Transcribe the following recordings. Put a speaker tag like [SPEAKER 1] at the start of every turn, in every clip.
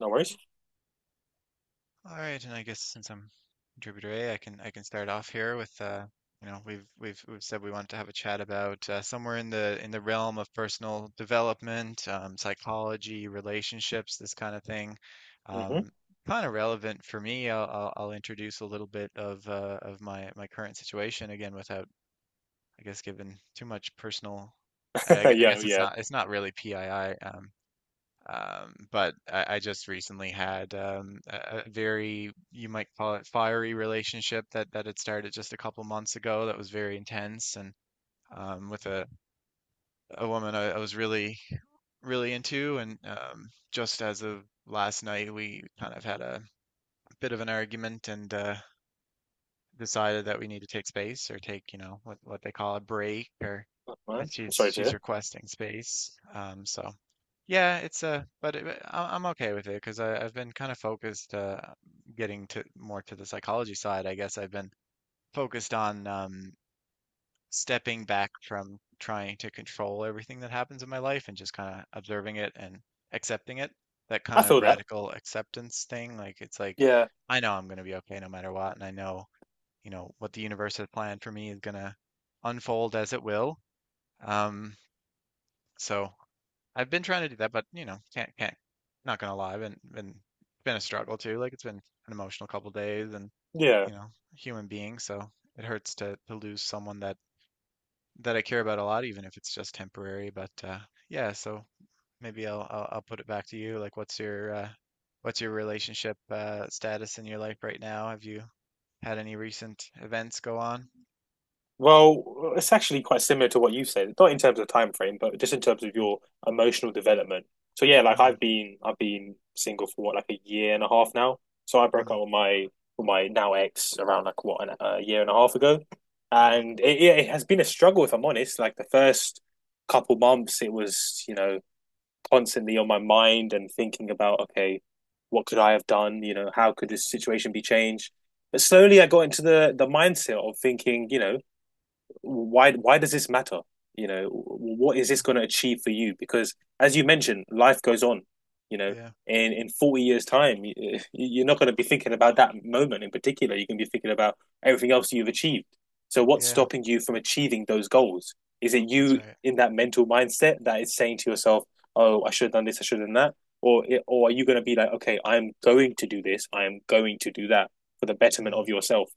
[SPEAKER 1] No worries.
[SPEAKER 2] All right, and I guess since I'm contributor A, I can start off here with you know we've said we want to have a chat about somewhere in the realm of personal development, psychology, relationships, this kind of thing.
[SPEAKER 1] Hmm.
[SPEAKER 2] Um, Kind of relevant for me. I'll introduce a little bit of my current situation again without I guess giving too much personal. I
[SPEAKER 1] Yeah,
[SPEAKER 2] guess
[SPEAKER 1] yeah.
[SPEAKER 2] it's not really PII. But I just recently had a very, you might call it fiery relationship that had started just a couple months ago that was very intense and with a woman I was really, really into. And just as of last night, we kind of had a bit of an argument and decided that we need to take space or take, you know, what they call a break or
[SPEAKER 1] That's fine.
[SPEAKER 2] that
[SPEAKER 1] I'm
[SPEAKER 2] she's
[SPEAKER 1] sorry to
[SPEAKER 2] she's
[SPEAKER 1] hear.
[SPEAKER 2] requesting space. So yeah, it's a but it, but I'm okay with it because I've been kind of focused getting to more to the psychology side. I guess I've been focused on stepping back from trying to control everything that happens in my life and just kind of observing it and accepting it. That
[SPEAKER 1] I
[SPEAKER 2] kind of
[SPEAKER 1] feel that.
[SPEAKER 2] radical acceptance thing. Like it's like
[SPEAKER 1] Yeah,
[SPEAKER 2] I know I'm going to be okay no matter what, and I know you know what the universe has planned for me is going to unfold as it will. Um, so I've been trying to do that, but you know, can't not gonna lie, I've been a struggle too. Like it's been an emotional couple days, and
[SPEAKER 1] yeah.
[SPEAKER 2] you know, human being, so it hurts to lose someone that I care about a lot, even if it's just temporary. But yeah, so maybe I'll put it back to you. Like, what's your relationship status in your life right now? Have you had any recent events go on?
[SPEAKER 1] Well, it's actually quite similar to what you said, not in terms of time frame, but just in terms of
[SPEAKER 2] Mm,
[SPEAKER 1] your emotional development. So yeah, like
[SPEAKER 2] mm,
[SPEAKER 1] I've been single for what, like a year and a half now. So I broke up
[SPEAKER 2] mm.
[SPEAKER 1] with my now ex around like what an, a year and a half ago,
[SPEAKER 2] Mm,
[SPEAKER 1] and it has been a struggle if I'm honest. Like the first couple months, it was constantly on my mind and thinking about, okay, what could I have done? You know, how could this situation be changed? But slowly I got into the mindset of thinking, you know, why does this matter? You know, what is
[SPEAKER 2] mm,
[SPEAKER 1] this going to achieve for you? Because as you mentioned, life goes on. You know,
[SPEAKER 2] yeah,
[SPEAKER 1] in 40 years' time, you are not going to be thinking about that moment in particular. You're going to be thinking about everything else you've achieved. So, what's
[SPEAKER 2] yeah,
[SPEAKER 1] stopping you from achieving those goals? Is it
[SPEAKER 2] that's
[SPEAKER 1] you
[SPEAKER 2] right.
[SPEAKER 1] in that mental mindset that is saying to yourself, "Oh, I should have done this. I should have done that." Or are you going to be like, okay, I'm going to do this, I am going to do that for the betterment
[SPEAKER 2] Mm,
[SPEAKER 1] of yourself?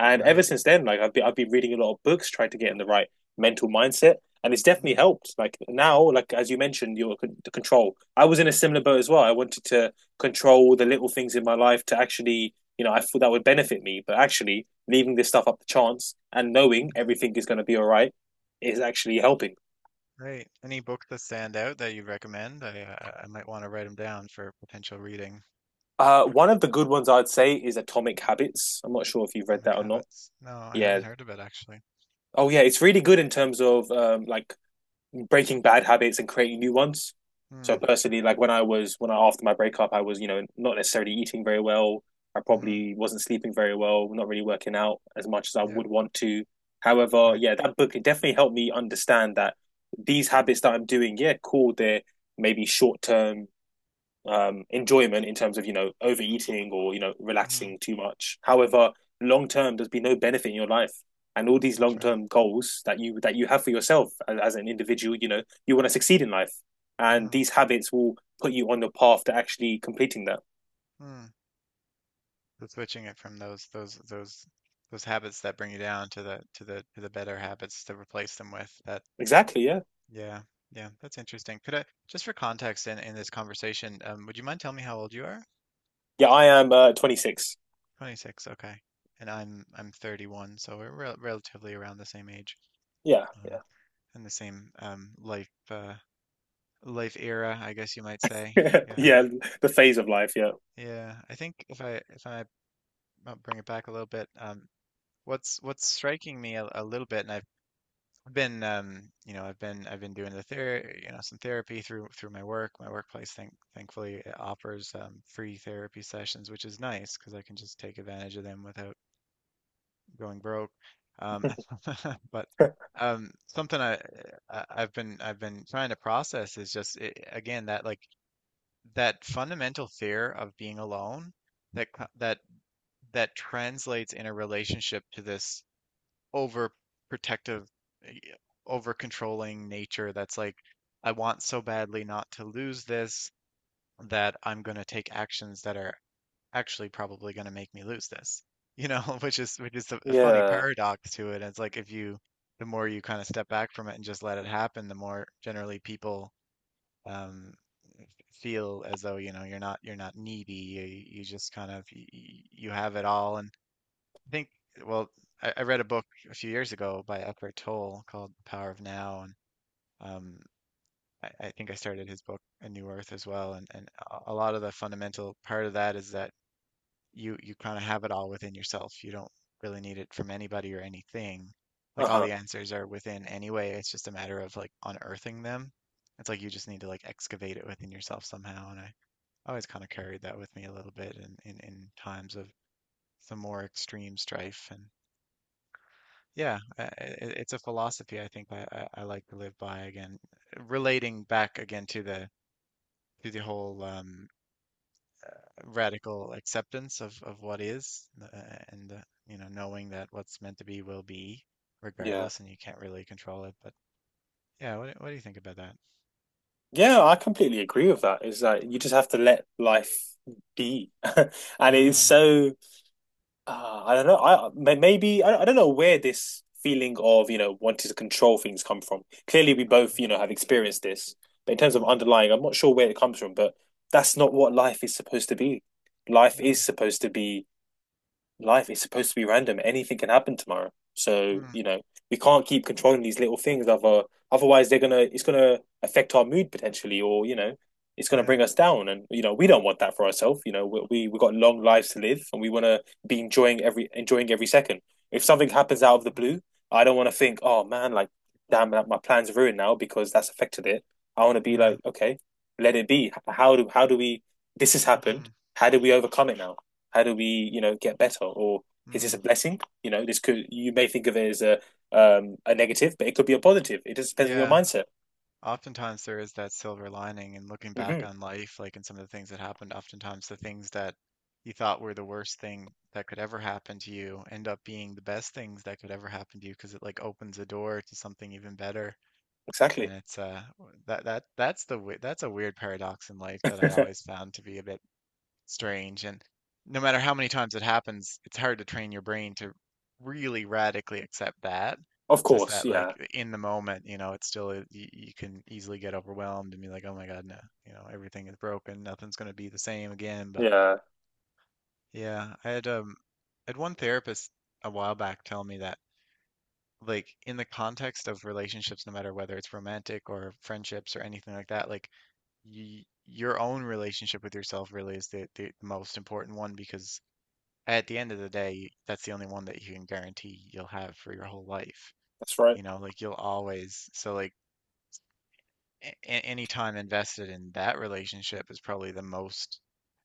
[SPEAKER 1] And ever
[SPEAKER 2] right.
[SPEAKER 1] since then, like I've been reading a lot of books trying to get in the right mental mindset, and it's definitely
[SPEAKER 2] Mm,
[SPEAKER 1] helped. Like now, like as you mentioned, your the control. I was in a similar boat as well. I wanted to control the little things in my life to actually, you know, I thought that would benefit me, but actually leaving this stuff up to chance and knowing
[SPEAKER 2] hmm
[SPEAKER 1] everything is going to be all right is actually helping.
[SPEAKER 2] right. Any books that stand out that you recommend? I might want to write them down for potential reading.
[SPEAKER 1] One of the good ones I'd say is Atomic Habits. I'm not sure if you've read
[SPEAKER 2] Atomic
[SPEAKER 1] that or not.
[SPEAKER 2] Habits. No, I
[SPEAKER 1] Yeah.
[SPEAKER 2] haven't heard of it actually.
[SPEAKER 1] Oh, yeah. It's really good in terms of like breaking bad habits and creating new ones. So
[SPEAKER 2] Mm,
[SPEAKER 1] personally, like when I after my breakup, I was not necessarily eating very well. I
[SPEAKER 2] mm-hmm.
[SPEAKER 1] probably wasn't sleeping very well, not really working out as much as I
[SPEAKER 2] Yep.
[SPEAKER 1] would want to. However,
[SPEAKER 2] Right.
[SPEAKER 1] yeah, that book definitely helped me understand that these habits that I'm doing, yeah, cool, they're maybe short term enjoyment in terms of overeating or
[SPEAKER 2] Mm-hmm.
[SPEAKER 1] relaxing too much. However, long term, there's been no benefit in your life, and all these
[SPEAKER 2] That's
[SPEAKER 1] long
[SPEAKER 2] right.
[SPEAKER 1] term goals that you have for yourself as an individual, you know, you want to succeed in life, and
[SPEAKER 2] Mm-hmm.
[SPEAKER 1] these habits will put you on the path to actually completing that.
[SPEAKER 2] Mm. So switching it from those habits that bring you down to the better habits to replace them with. That.
[SPEAKER 1] Exactly. Yeah.
[SPEAKER 2] Yeah. Yeah. That's interesting. Could I just for context in this conversation, would you mind telling me how old you are?
[SPEAKER 1] Yeah. I am 26.
[SPEAKER 2] 26, okay. And I'm 31, so we're relatively around the same age,
[SPEAKER 1] Yeah. Yeah.
[SPEAKER 2] um, and the same life life era, I guess you might say. Yeah,
[SPEAKER 1] yeah. The phase of life. Yeah.
[SPEAKER 2] yeah. I think if I might bring it back a little bit, what's striking me a little bit, and I've been you know I've been doing the ther you know some therapy through my work. My workplace, thankfully, it offers free therapy sessions, which is nice because I can just take advantage of them without going broke. Um, but something I've been trying to process is just it, again that like that fundamental fear of being alone that that that translates in a relationship to this over protective, over controlling nature that's like I want so badly not to lose this that I'm going to take actions that are actually probably going to make me lose this, you know. Which is which is a funny
[SPEAKER 1] yeah.
[SPEAKER 2] paradox to it. It's like if you the more you kind of step back from it and just let it happen the more generally people um feel as though you know you're not needy, you just kind of you, you have it all. And I think, well, I read a book a few years ago by Eckhart Tolle called The Power of Now. And um I think I started his book A New Earth as well, and a lot of the fundamental part of that is that you kind of have it all within yourself. You don't really need it from anybody or anything.
[SPEAKER 1] Uh
[SPEAKER 2] Like all
[SPEAKER 1] huh.
[SPEAKER 2] the answers are within anyway. It's just a matter of like unearthing them. It's like you just need to like excavate it within yourself somehow. And I always kind of carried that with me a little bit in times of some more extreme strife. And yeah, it's a philosophy I think I like to live by again, relating back again to the whole radical acceptance of what is and you know knowing that what's meant to be will be
[SPEAKER 1] Yeah.
[SPEAKER 2] regardless and you can't really control it but yeah. What do you think about that?
[SPEAKER 1] Yeah, I completely agree with that. It's like you just have to let life be, and it is
[SPEAKER 2] mm,
[SPEAKER 1] so I don't know. Maybe I don't know where this feeling of wanting to control things come from. Clearly, we both have experienced this, but in terms of
[SPEAKER 2] mm,
[SPEAKER 1] underlying, I'm not sure where it comes from. But that's not what life is supposed to be. Life
[SPEAKER 2] mm,
[SPEAKER 1] is supposed to be life is supposed to be random. Anything can happen tomorrow. So,
[SPEAKER 2] mm,
[SPEAKER 1] you know, we can't keep controlling these little things otherwise they're gonna it's gonna affect our mood potentially or, you know, it's gonna
[SPEAKER 2] yeah,
[SPEAKER 1] bring us down. And, you know, we don't want that for ourselves. You know, we got long lives to live and we wanna be enjoying every second. If something happens out of the
[SPEAKER 2] mm,
[SPEAKER 1] blue, I don't wanna think, oh man, like damn like, my plan's ruined now because that's affected it. I wanna be
[SPEAKER 2] yeah,
[SPEAKER 1] like, okay, let it be. How do we this has happened.
[SPEAKER 2] mm,
[SPEAKER 1] How do we overcome it now? How do we, you know, get better? Or is this a
[SPEAKER 2] mm.
[SPEAKER 1] blessing? You know, this could you may think of it as a negative, but it could be a positive. It just depends on your
[SPEAKER 2] yeah.
[SPEAKER 1] mindset.
[SPEAKER 2] Oftentimes there is that silver lining and looking back
[SPEAKER 1] Hmm,
[SPEAKER 2] on life like in some of the things that happened, oftentimes the things that you thought were the worst thing that could ever happen to you end up being the best things that could ever happen to you because it like opens a door to something even better. And
[SPEAKER 1] exactly.
[SPEAKER 2] it's that that that's the that's a weird paradox in life that I always found to be a bit strange. And no matter how many times it happens, it's hard to train your brain to really radically accept that.
[SPEAKER 1] Of
[SPEAKER 2] Just
[SPEAKER 1] course,
[SPEAKER 2] that,
[SPEAKER 1] yeah,
[SPEAKER 2] like in the moment, you know, it's still you, you can easily get overwhelmed and be like, "Oh my God, no, you know, everything is broken. Nothing's going to be the same again." But
[SPEAKER 1] yeah,
[SPEAKER 2] yeah, I had one therapist a while back tell me that like in the context of relationships, no matter whether it's romantic or friendships or anything like that, like y your own relationship with yourself really is the most important one because at the end of the day, that's the only one that you can guarantee you'll have for your whole life.
[SPEAKER 1] that's right.
[SPEAKER 2] You know, like you'll always, so like a- any time invested in that relationship is probably the most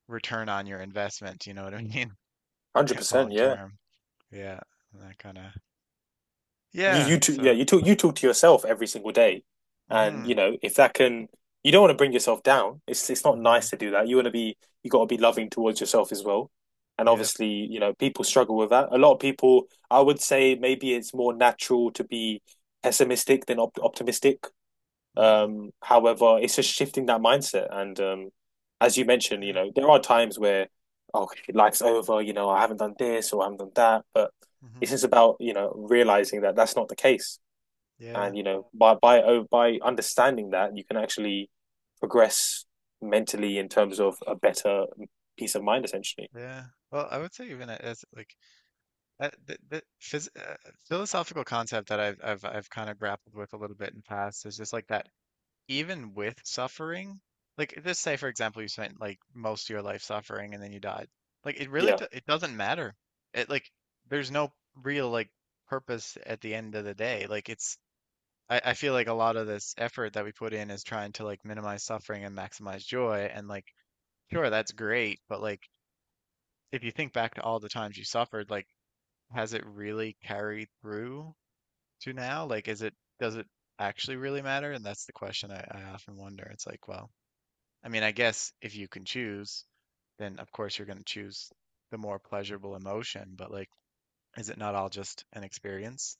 [SPEAKER 2] return on your investment, you know what I mean?
[SPEAKER 1] 100%,
[SPEAKER 2] Long
[SPEAKER 1] yeah.
[SPEAKER 2] term. Yeah, that kind of.
[SPEAKER 1] You you
[SPEAKER 2] Yeah,
[SPEAKER 1] talk,
[SPEAKER 2] so.
[SPEAKER 1] yeah, you talk you talk to yourself every single day, and you
[SPEAKER 2] Mhm.
[SPEAKER 1] know if that can, you don't want to bring yourself down. It's not
[SPEAKER 2] Mhm.
[SPEAKER 1] nice to do that. You want to be you got to be loving towards yourself as well, and
[SPEAKER 2] Yeah.
[SPEAKER 1] obviously you know people struggle with that. A lot of people, I would say, maybe it's more natural to be pessimistic than op optimistic.
[SPEAKER 2] Mhm.
[SPEAKER 1] However, it's just shifting that mindset. And as you mentioned, you
[SPEAKER 2] Yeah.
[SPEAKER 1] know, there are times where, oh, life's over, you know, I haven't done this or I haven't done that. But it's
[SPEAKER 2] Mhm.
[SPEAKER 1] just about, you know, realizing that that's not the case.
[SPEAKER 2] Yeah.
[SPEAKER 1] And, you know, by understanding that, you can actually progress mentally in terms of a better peace of mind, essentially.
[SPEAKER 2] Yeah. Well, I would say even as like the phys philosophical concept that I've kind of grappled with a little bit in the past is just like that even with suffering, like just say for example you spent like most of your life suffering and then you died, like it really
[SPEAKER 1] Yeah.
[SPEAKER 2] it doesn't matter. It like there's no real like purpose at the end of the day. Like it's I feel like a lot of this effort that we put in is trying to like minimize suffering and maximize joy and like sure that's great, but like if you think back to all the times you suffered, like has it really carried through to now? Like, is it, does it actually really matter? And that's the question I often wonder. It's like, well, I mean, I guess if you can choose, then of course you're going to choose the more pleasurable emotion, but like, is it not all just an experience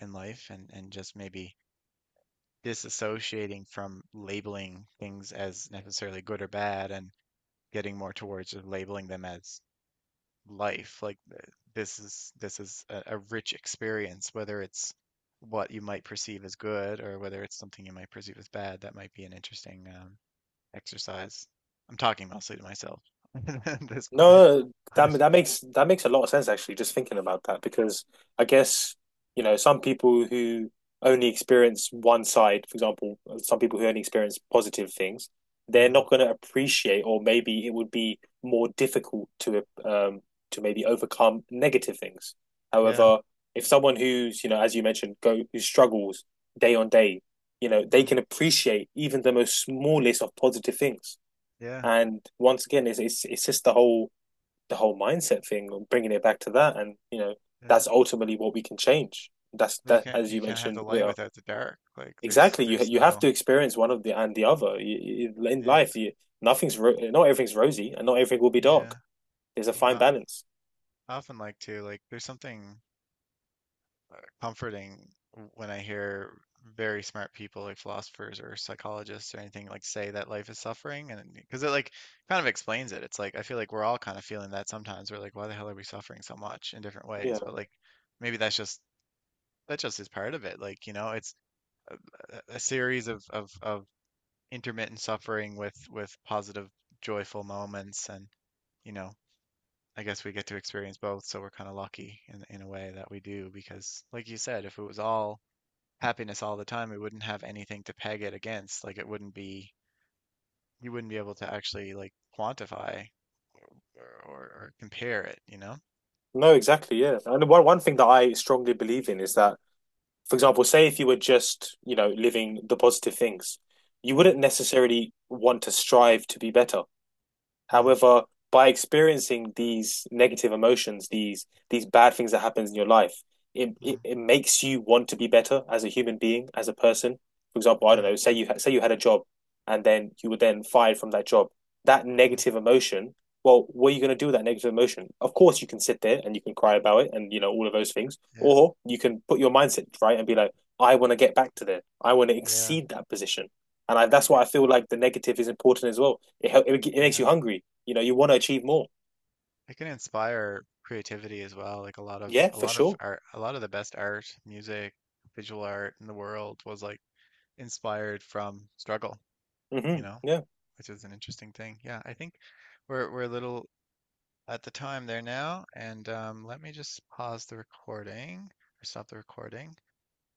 [SPEAKER 2] in life and just maybe disassociating from labeling things as necessarily good or bad and getting more towards just labeling them as life. Like this is a rich experience, whether it's what you might perceive as good or whether it's something you might perceive as bad. That might be an interesting exercise. I'm talking mostly to myself at this point.
[SPEAKER 1] No, that
[SPEAKER 2] But
[SPEAKER 1] that makes that makes a lot of sense actually, just thinking about that, because I guess, you know, some people who only experience one side, for example, some people who only experience positive things, they're
[SPEAKER 2] mhm,
[SPEAKER 1] not going to appreciate, or maybe it would be more difficult to maybe overcome negative things.
[SPEAKER 2] yeah,
[SPEAKER 1] However, if someone who's, you know, as you mentioned, go who struggles day on day, you know, they
[SPEAKER 2] mm,
[SPEAKER 1] can appreciate even the most smallest of positive things.
[SPEAKER 2] yeah,
[SPEAKER 1] And once again, it's just the whole mindset thing and bringing it back to that and you know
[SPEAKER 2] yeah.
[SPEAKER 1] that's ultimately what we can change that's that as
[SPEAKER 2] You
[SPEAKER 1] you
[SPEAKER 2] can't have
[SPEAKER 1] mentioned
[SPEAKER 2] the
[SPEAKER 1] we
[SPEAKER 2] light
[SPEAKER 1] are
[SPEAKER 2] without the dark. Like
[SPEAKER 1] exactly you
[SPEAKER 2] there's
[SPEAKER 1] you have to
[SPEAKER 2] no
[SPEAKER 1] experience one of the and the other you, you, in
[SPEAKER 2] yeah
[SPEAKER 1] life you, nothing's not everything's rosy and not everything will be dark
[SPEAKER 2] yeah.
[SPEAKER 1] there's a fine balance
[SPEAKER 2] I often like to like there's something comforting when I hear very smart people like philosophers or psychologists or anything like say that life is suffering and because it like kind of explains it. It's like I feel like we're all kind of feeling that sometimes. We're like, why the hell are we suffering so much in different ways?
[SPEAKER 1] yeah
[SPEAKER 2] But like maybe that's just that just is part of it. Like, you know, it's a series of intermittent suffering with positive joyful moments and you know I guess we get to experience both, so we're kind of lucky in a way that we do because, like you said, if it was all happiness all the time, we wouldn't have anything to peg it against. Like it wouldn't be, you wouldn't be able to actually like quantify or compare it, you know?
[SPEAKER 1] no exactly yeah and one thing that I strongly believe in is that for example say if you were just you know living the positive things you
[SPEAKER 2] Mm,
[SPEAKER 1] wouldn't necessarily want to strive to be better.
[SPEAKER 2] mm,
[SPEAKER 1] However, by experiencing these negative emotions, these bad things that happens in your life, it,
[SPEAKER 2] mm,
[SPEAKER 1] it, it makes you want to be better as a human being, as a person. For example, I don't
[SPEAKER 2] yeah,
[SPEAKER 1] know, say you had a job and then you were then fired from that job. That
[SPEAKER 2] mm,
[SPEAKER 1] negative emotion, well, what are you going to do with that negative emotion? Of course, you can sit there and you can cry about it and you know all of those things,
[SPEAKER 2] yeah,
[SPEAKER 1] or you can put your mindset right and be like, I want to get back to there. I want to
[SPEAKER 2] yeah,
[SPEAKER 1] exceed that position and I, that's why
[SPEAKER 2] it,
[SPEAKER 1] I feel like the negative is important as well. It makes
[SPEAKER 2] yeah.
[SPEAKER 1] you hungry. You know, you want to achieve more.
[SPEAKER 2] It can inspire creativity as well. Like
[SPEAKER 1] Yeah,
[SPEAKER 2] a
[SPEAKER 1] for
[SPEAKER 2] lot of
[SPEAKER 1] sure.
[SPEAKER 2] art, a lot of the best art, music, visual art in the world was like inspired from struggle, you
[SPEAKER 1] Mm-hmm.
[SPEAKER 2] know,
[SPEAKER 1] Yeah.
[SPEAKER 2] which is an interesting thing. Yeah, I think we're a little at the time there now. And let me just pause the recording or stop the recording.